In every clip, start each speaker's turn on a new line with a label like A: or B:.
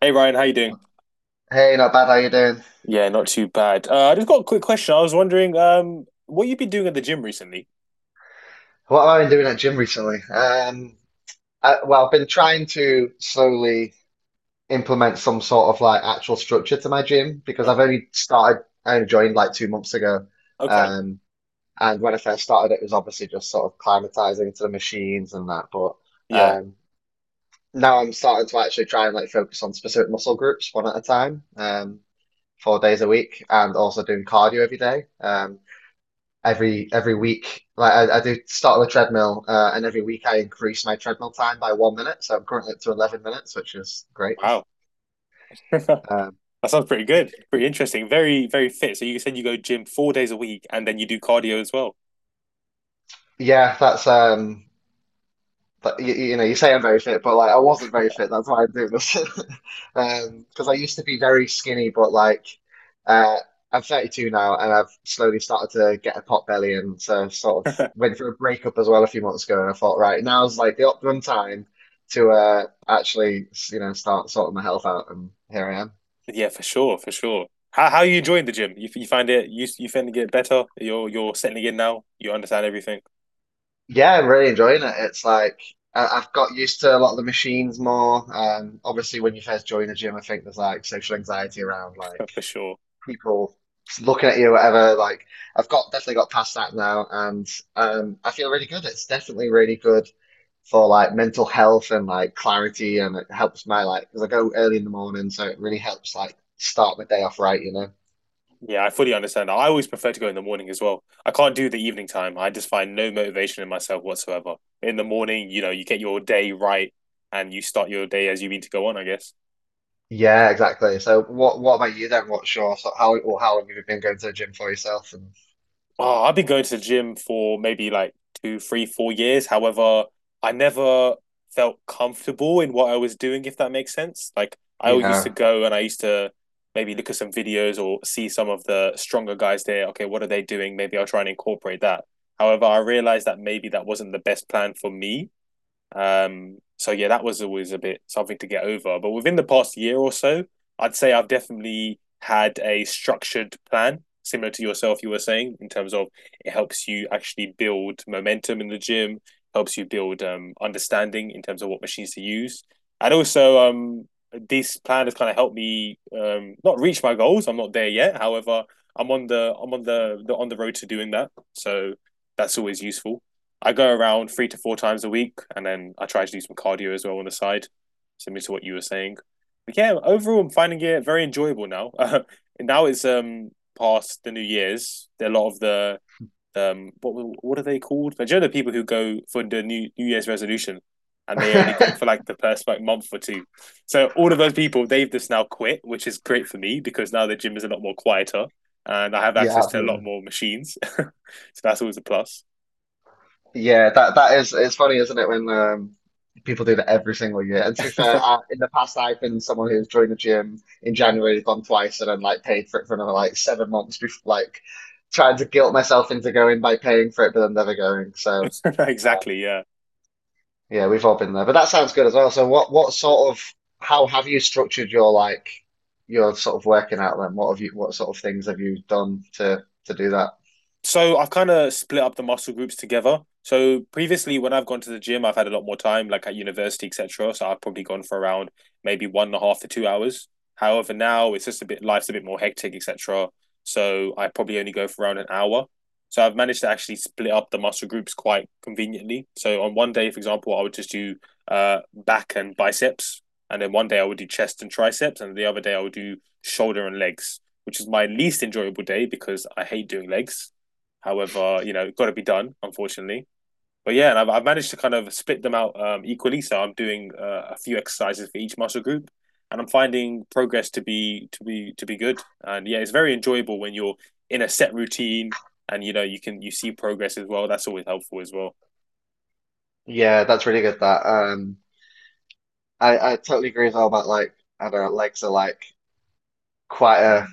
A: Hey Ryan, how you doing?
B: Hey, not bad. How you doing?
A: Yeah, not too bad. I just got a quick question. I was wondering, what you've been doing at the gym recently?
B: What have I been doing at gym recently? I've been trying to slowly implement some sort of like actual structure to my gym because
A: Oh,
B: I only joined like 2 months ago.
A: okay.
B: Um, and when I first started, it was obviously just sort of climatizing to the machines and that. But
A: Yeah.
B: um, now I'm starting to actually try and like focus on specific muscle groups one at a time, 4 days a week, and also doing cardio every day. Every week. Like I do start on the treadmill, and every week I increase my treadmill time by 1 minute. So I'm currently up to 11 minutes, which is great.
A: Wow.
B: Um,
A: That sounds pretty good. Pretty interesting. Very, very fit. So you said you go gym 4 days a week and then you do cardio as well.
B: yeah, that's but you know, you say I'm very fit, but like I wasn't very fit. That's why I'm doing this. Because I used to be very skinny, but Uh, I'm 32 now, and I've slowly started to get a pot belly, and so sort of went through a breakup as well a few months ago. And I thought, right, now's like the optimum time to actually, you know, start sorting my health out, and here I am.
A: Yeah, for sure, for sure. How are you enjoying the gym? You find it, you find it get better? You're settling in now. You understand everything.
B: Yeah, I'm really enjoying it. It's like I've got used to a lot of the machines more. Obviously, when you first join the gym, I think there's like social anxiety around like
A: For sure.
B: people looking at you, whatever. Like I've got definitely got past that now, and I feel really good. It's definitely really good for like mental health and like clarity, and it helps my like because I go early in the morning, so it really helps like start my day off right, you know.
A: Yeah, I fully understand. I always prefer to go in the morning as well. I can't do the evening time. I just find no motivation in myself whatsoever. In the morning, you know, you get your day right and you start your day as you mean to go on, I guess.
B: Yeah, exactly. So what about you then? What's your so how or how long have you been going to the gym for yourself? And
A: Oh, I've been going to the gym for maybe like two, three, 4 years. However, I never felt comfortable in what I was doing, if that makes sense. Like I always used to
B: yeah,
A: go and I used to maybe look at some videos or see some of the stronger guys there. Okay, what are they doing? Maybe I'll try and incorporate that. However, I realized that maybe that wasn't the best plan for me, so yeah, that was always a bit something to get over. But within the past year or so, I'd say I've definitely had a structured plan, similar to yourself, you were saying, in terms of it helps you actually build momentum in the gym, helps you build understanding in terms of what machines to use. And also, this plan has kind of helped me, not reach my goals. I'm not there yet. However, I'm on the, on the road to doing that. So that's always useful. I go around three to four times a week, and then I try to do some cardio as well on the side, similar to what you were saying. But yeah, overall, I'm finding it very enjoyable now. Now it's past the New Year's. A lot of the um what what are they called? Like, do you know the people who go for the New Year's resolution, and they only go for like the first like month or two. So all of those people, they've just now quit, which is great for me because now the gym is a lot more quieter and I have
B: yeah,
A: access to a lot
B: absolutely.
A: more machines. So that's always a plus.
B: Yeah, that is it's funny, isn't it, when people do that every single year. And to be fair, in the past I've been someone who's joined the gym in January, gone twice, and then like paid for it for another like 7 months before like trying to guilt myself into going by paying for it but then never going. So um,
A: Exactly. Yeah.
B: yeah, we've all been there. But that sounds good as well. So what sort of how have you structured your working out then? What have you what sort of things have you done to do that?
A: So I've kind of split up the muscle groups together. So previously, when I've gone to the gym, I've had a lot more time, like at university, etc. So I've probably gone for around maybe one and a half to 2 hours. However, now it's just a bit life's a bit more hectic, etc. So I probably only go for around an hour. So I've managed to actually split up the muscle groups quite conveniently. So on one day, for example, I would just do back and biceps, and then one day I would do chest and triceps, and the other day I would do shoulder and legs, which is my least enjoyable day because I hate doing legs. However, you know, it's got to be done, unfortunately. But yeah, and I've managed to kind of split them out, equally. So I'm doing a few exercises for each muscle group, and I'm finding progress to be good. And yeah, it's very enjoyable when you're in a set routine, and you know you see progress as well. That's always helpful as well.
B: Yeah, that's really good that. I totally agree as well about like I don't know, legs are like quite a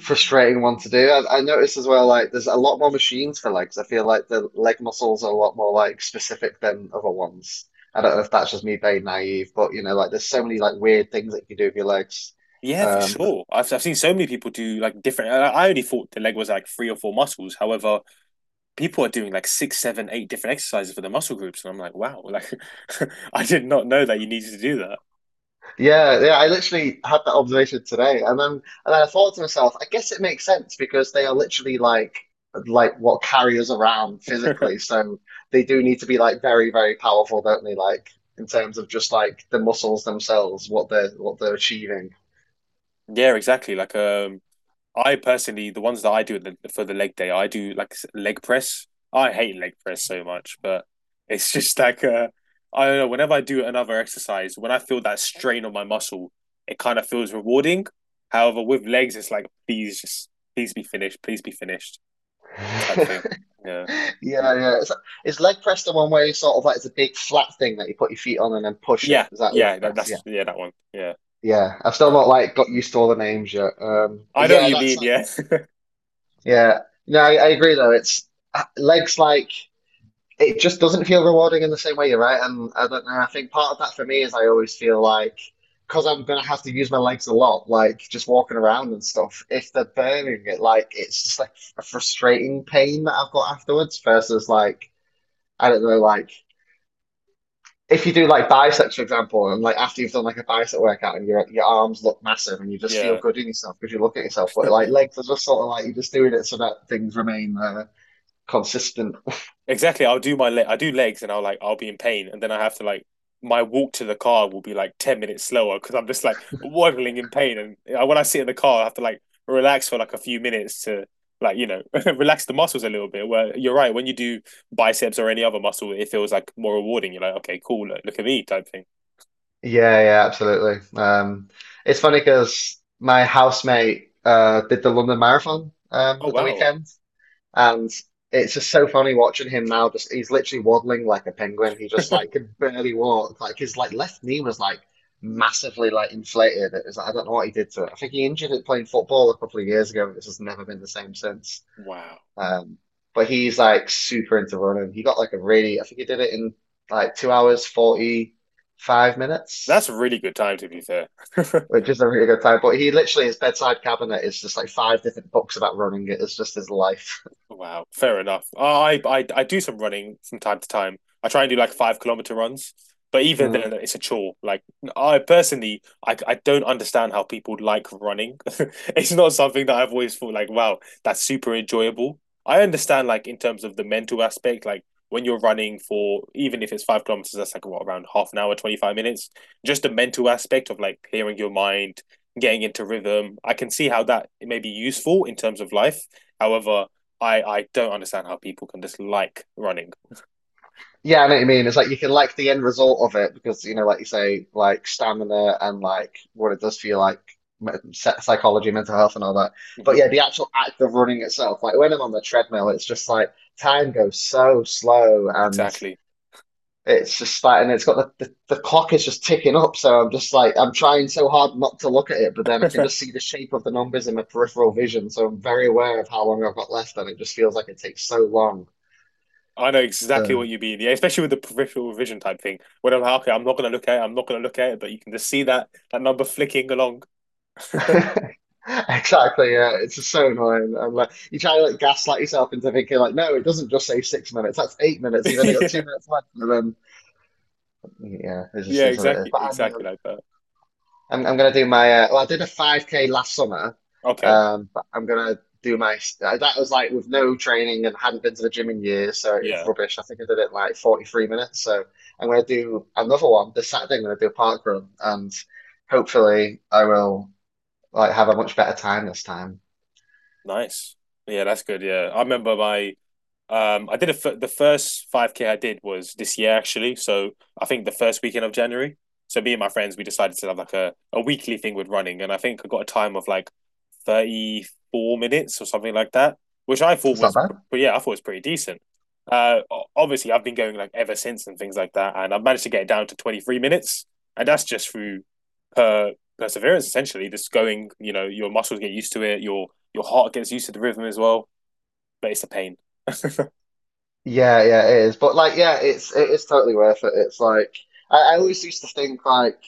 B: frustrating one to do. I noticed as well like there's a lot more machines for legs. I feel like the leg muscles are a lot more like specific than other ones. I don't know if that's just me being naive, but you know, like there's so many like weird things that you can do with your legs.
A: Yeah, for
B: Um,
A: sure. I've seen so many people do like different. I only thought the leg was like three or four muscles. However, people are doing like six, seven, eight different exercises for the muscle groups, and I'm like, wow, like I did not know that you needed to do that.
B: Yeah, yeah, I literally had that observation today, and then I thought to myself, I guess it makes sense because they are literally like what carry us around physically, so they do need to be like very, very powerful, don't they? Like in terms of just like the muscles themselves, what they're achieving.
A: Yeah, exactly. Like I personally, the ones that I do for the leg day, I do like leg press. I hate leg press so much, but it's just like, I don't know. Whenever I do another exercise, when I feel that strain on my muscle, it kind of feels rewarding. However, with legs, it's like please just please be finished type thing. Yeah,
B: Yeah, yeah. Is leg press the one where you sort of like it's a big flat thing that you put your feet on and then push it?
A: yeah,
B: Is that leg
A: yeah. That,
B: press? Yeah.
A: that's yeah that one. Yeah.
B: Yeah. I've still
A: Oh.
B: not like got used to all the names yet.
A: I
B: But
A: know what
B: yeah,
A: you
B: that's
A: mean.
B: like.
A: Yeah,
B: Yeah, no, I agree though. It's legs like it just doesn't feel rewarding in the same way. You're right, and I don't know. I think part of that for me is I always feel like because I'm gonna have to use my legs a lot, like just walking around and stuff. If they're burning it, like it's just like a frustrating pain that I've got afterwards versus like I don't know, like if you do like biceps, for example, and like after you've done like a bicep workout and your arms look massive and you just feel
A: yeah.
B: good in yourself because you look at yourself, but like legs are just sort of like you're just doing it so that things remain. There consistent.
A: Exactly. I'll do my leg. I do legs, and I'll be in pain, and then I have to like my walk to the car will be like 10 minutes slower because I'm just like waddling in pain, and I, when I sit in the car, I have to like relax for like a few minutes to, like, you know, relax the muscles a little bit. Where you're right, when you do biceps or any other muscle, it feels like more rewarding. You're like, okay, cool, look, look at me type thing.
B: Yeah, yeah, absolutely. It's funny because my housemate did the London Marathon
A: Oh
B: at the
A: wow.
B: weekend, and it's just so funny watching him now. Just he's literally waddling like a penguin. He just like could barely walk. Like his like left knee was like massively like inflated. It was I don't know what he did to it. I think he injured it playing football a couple of years ago. This has never been the same since.
A: Wow,
B: Um, but he's like super into running. He got like a really, I think he did it in like 2 hours, 45
A: that's
B: minutes,
A: a really good time to be fair.
B: which is a really good time. But he literally, his bedside cabinet is just like five different books about running. It is just his life.
A: Wow, fair enough. Oh, I do some running from time to time. I try and do like 5 kilometer runs, but even
B: Mm.
A: then, it's a chore. Like I personally, I don't understand how people like running. It's not something that I've always thought like, wow, that's super enjoyable. I understand like in terms of the mental aspect, like when you're running for even if it's 5 kilometers, that's like what around half an hour, 25 minutes. Just the mental aspect of like clearing your mind, getting into rhythm. I can see how that may be useful in terms of life. However, I don't understand how people can dislike running.
B: Yeah, I know what you mean. It's like you can like the end result of it because, you know, like you say, like stamina and like what it does for you, like psychology, mental health, and all that. But
A: Hmm.
B: yeah, the actual act of running itself, like when I'm on the treadmill, it's just like time goes so slow and
A: Exactly.
B: it's just like, and it's got the clock is just ticking up. So I'm just like, I'm trying so hard not to look at it, but then I can just see the shape of the numbers in my peripheral vision. So I'm very aware of how long I've got left, and it just feels like it takes so long.
A: I know exactly
B: So
A: what you mean. Yeah, especially with the peripheral vision type thing. When I'm like, okay, I'm not gonna look at it. I'm not gonna look at it, but you can just see that number flicking along.
B: exactly, yeah, it's just so annoying. I'm like, you try to like gaslight yourself into thinking like, no, it doesn't just say 6 minutes. That's 8 minutes. You've only got two
A: Yeah,
B: minutes left, and then yeah, it just
A: yeah,
B: is what it is.
A: exactly,
B: But I
A: exactly
B: know
A: like that.
B: I'm gonna do my well, I did a 5K last summer,
A: Okay,
B: but I'm gonna do my that was like with no training and hadn't been to the gym in years, so it was
A: yeah,
B: rubbish. I think I did it in like 43 minutes. So I'm gonna do another one this Saturday. I'm gonna do a park run, and hopefully I will like have a much better time this time.
A: nice. Yeah, that's good. Yeah, I remember my. I did a the first 5K I did was this year actually. So I think the first weekend of January. So me and my friends we decided to have like a weekly thing with running, and I think I got a time of like 34 minutes or something like that, which I thought
B: It's not
A: was,
B: bad.
A: but yeah I thought was pretty decent. Uh, obviously I've been going like ever since and things like that, and I've managed to get it down to 23 minutes, and that's just through per perseverance essentially. Just going, you know, your muscles get used to it, your heart gets used to the rhythm as well, but it's a pain.
B: Yeah, yeah, it is. But like, yeah, it is totally worth it. It's like I always used to think like.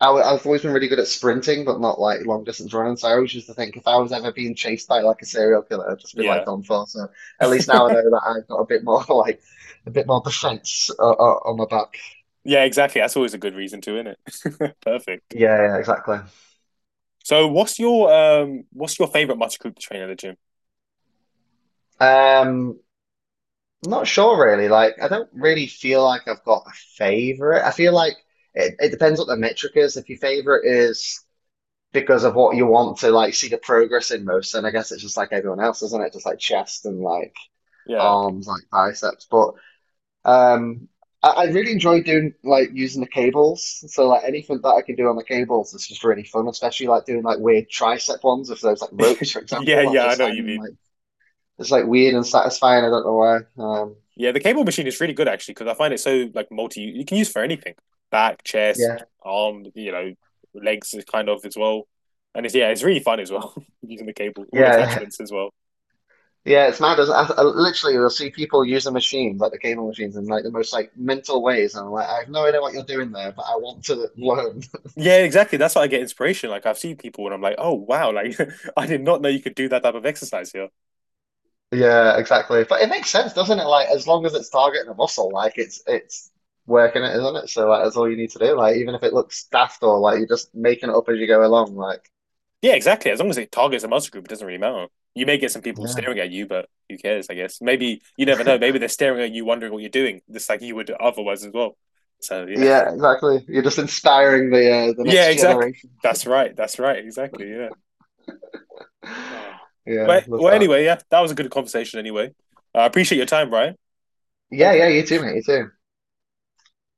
B: I've always been really good at sprinting, but not like long distance running. So I always used to think if I was ever being chased by like a serial killer, I'd just be like
A: Yeah.
B: done for. So at least now I know that I've got a bit more like a bit more defense on my back.
A: Yeah, exactly. That's always a good reason to, isn't it? Perfect.
B: Yeah, yeah, exactly.
A: So what's your favorite muscle group to train at the gym?
B: Um, I'm not sure really. Like I don't really feel like I've got a favorite. I feel like it depends what the metric is. If your favorite is because of what you want to like see the progress in most, then I guess it's just like everyone else, isn't it? Just like chest and like
A: Yeah.
B: arms, like biceps, but. Um, I really enjoy doing like using the cables. So like anything that I can do on the cables is just really fun, especially like doing like weird tricep ones with those like ropes, for
A: Yeah,
B: example. I've
A: yeah, I
B: just
A: know what you
B: found them
A: mean.
B: like it's like weird and satisfying. I don't know why.
A: Yeah, the cable machine is really good actually because I find it so like multi you can use for anything. Back, chest,
B: Yeah,
A: arm, you know, legs is kind of as well. And it's yeah, it's really fun as well using the cable, all
B: yeah,
A: attachments as well.
B: yeah. It's mad. I literally you'll see people use using machines like the cable machines in like the most like mental ways, and I'm like, I have no idea what you're doing there, but I want to learn.
A: Yeah, exactly. That's why I get inspiration. Like I've seen people and I'm like, oh wow, like I did not know you could do that type of exercise here.
B: Yeah, exactly. But it makes sense, doesn't it? Like as long as it's targeting a muscle, like it's working it, isn't it? So like that's all you need to do. Like even if it looks daft or like you're just making it up as you go along, like
A: Yeah, exactly. As long as it targets a muscle group, it doesn't really matter. You may get some people
B: yeah,
A: staring at you, but who cares, I guess. Maybe you never know. Maybe they're staring at you wondering what you're doing, just like you would otherwise as well. So yeah.
B: yeah, exactly. You're just inspiring the
A: Yeah,
B: next
A: exactly.
B: generation.
A: That's right. That's right. Exactly. Yeah. Oh.
B: Yeah,
A: Well,
B: love
A: well
B: that.
A: anyway, yeah, that was a good conversation anyway. I appreciate your time, Ryan.
B: Yeah,
A: Thank you
B: yeah,
A: very
B: you too,
A: much.
B: mate. You too.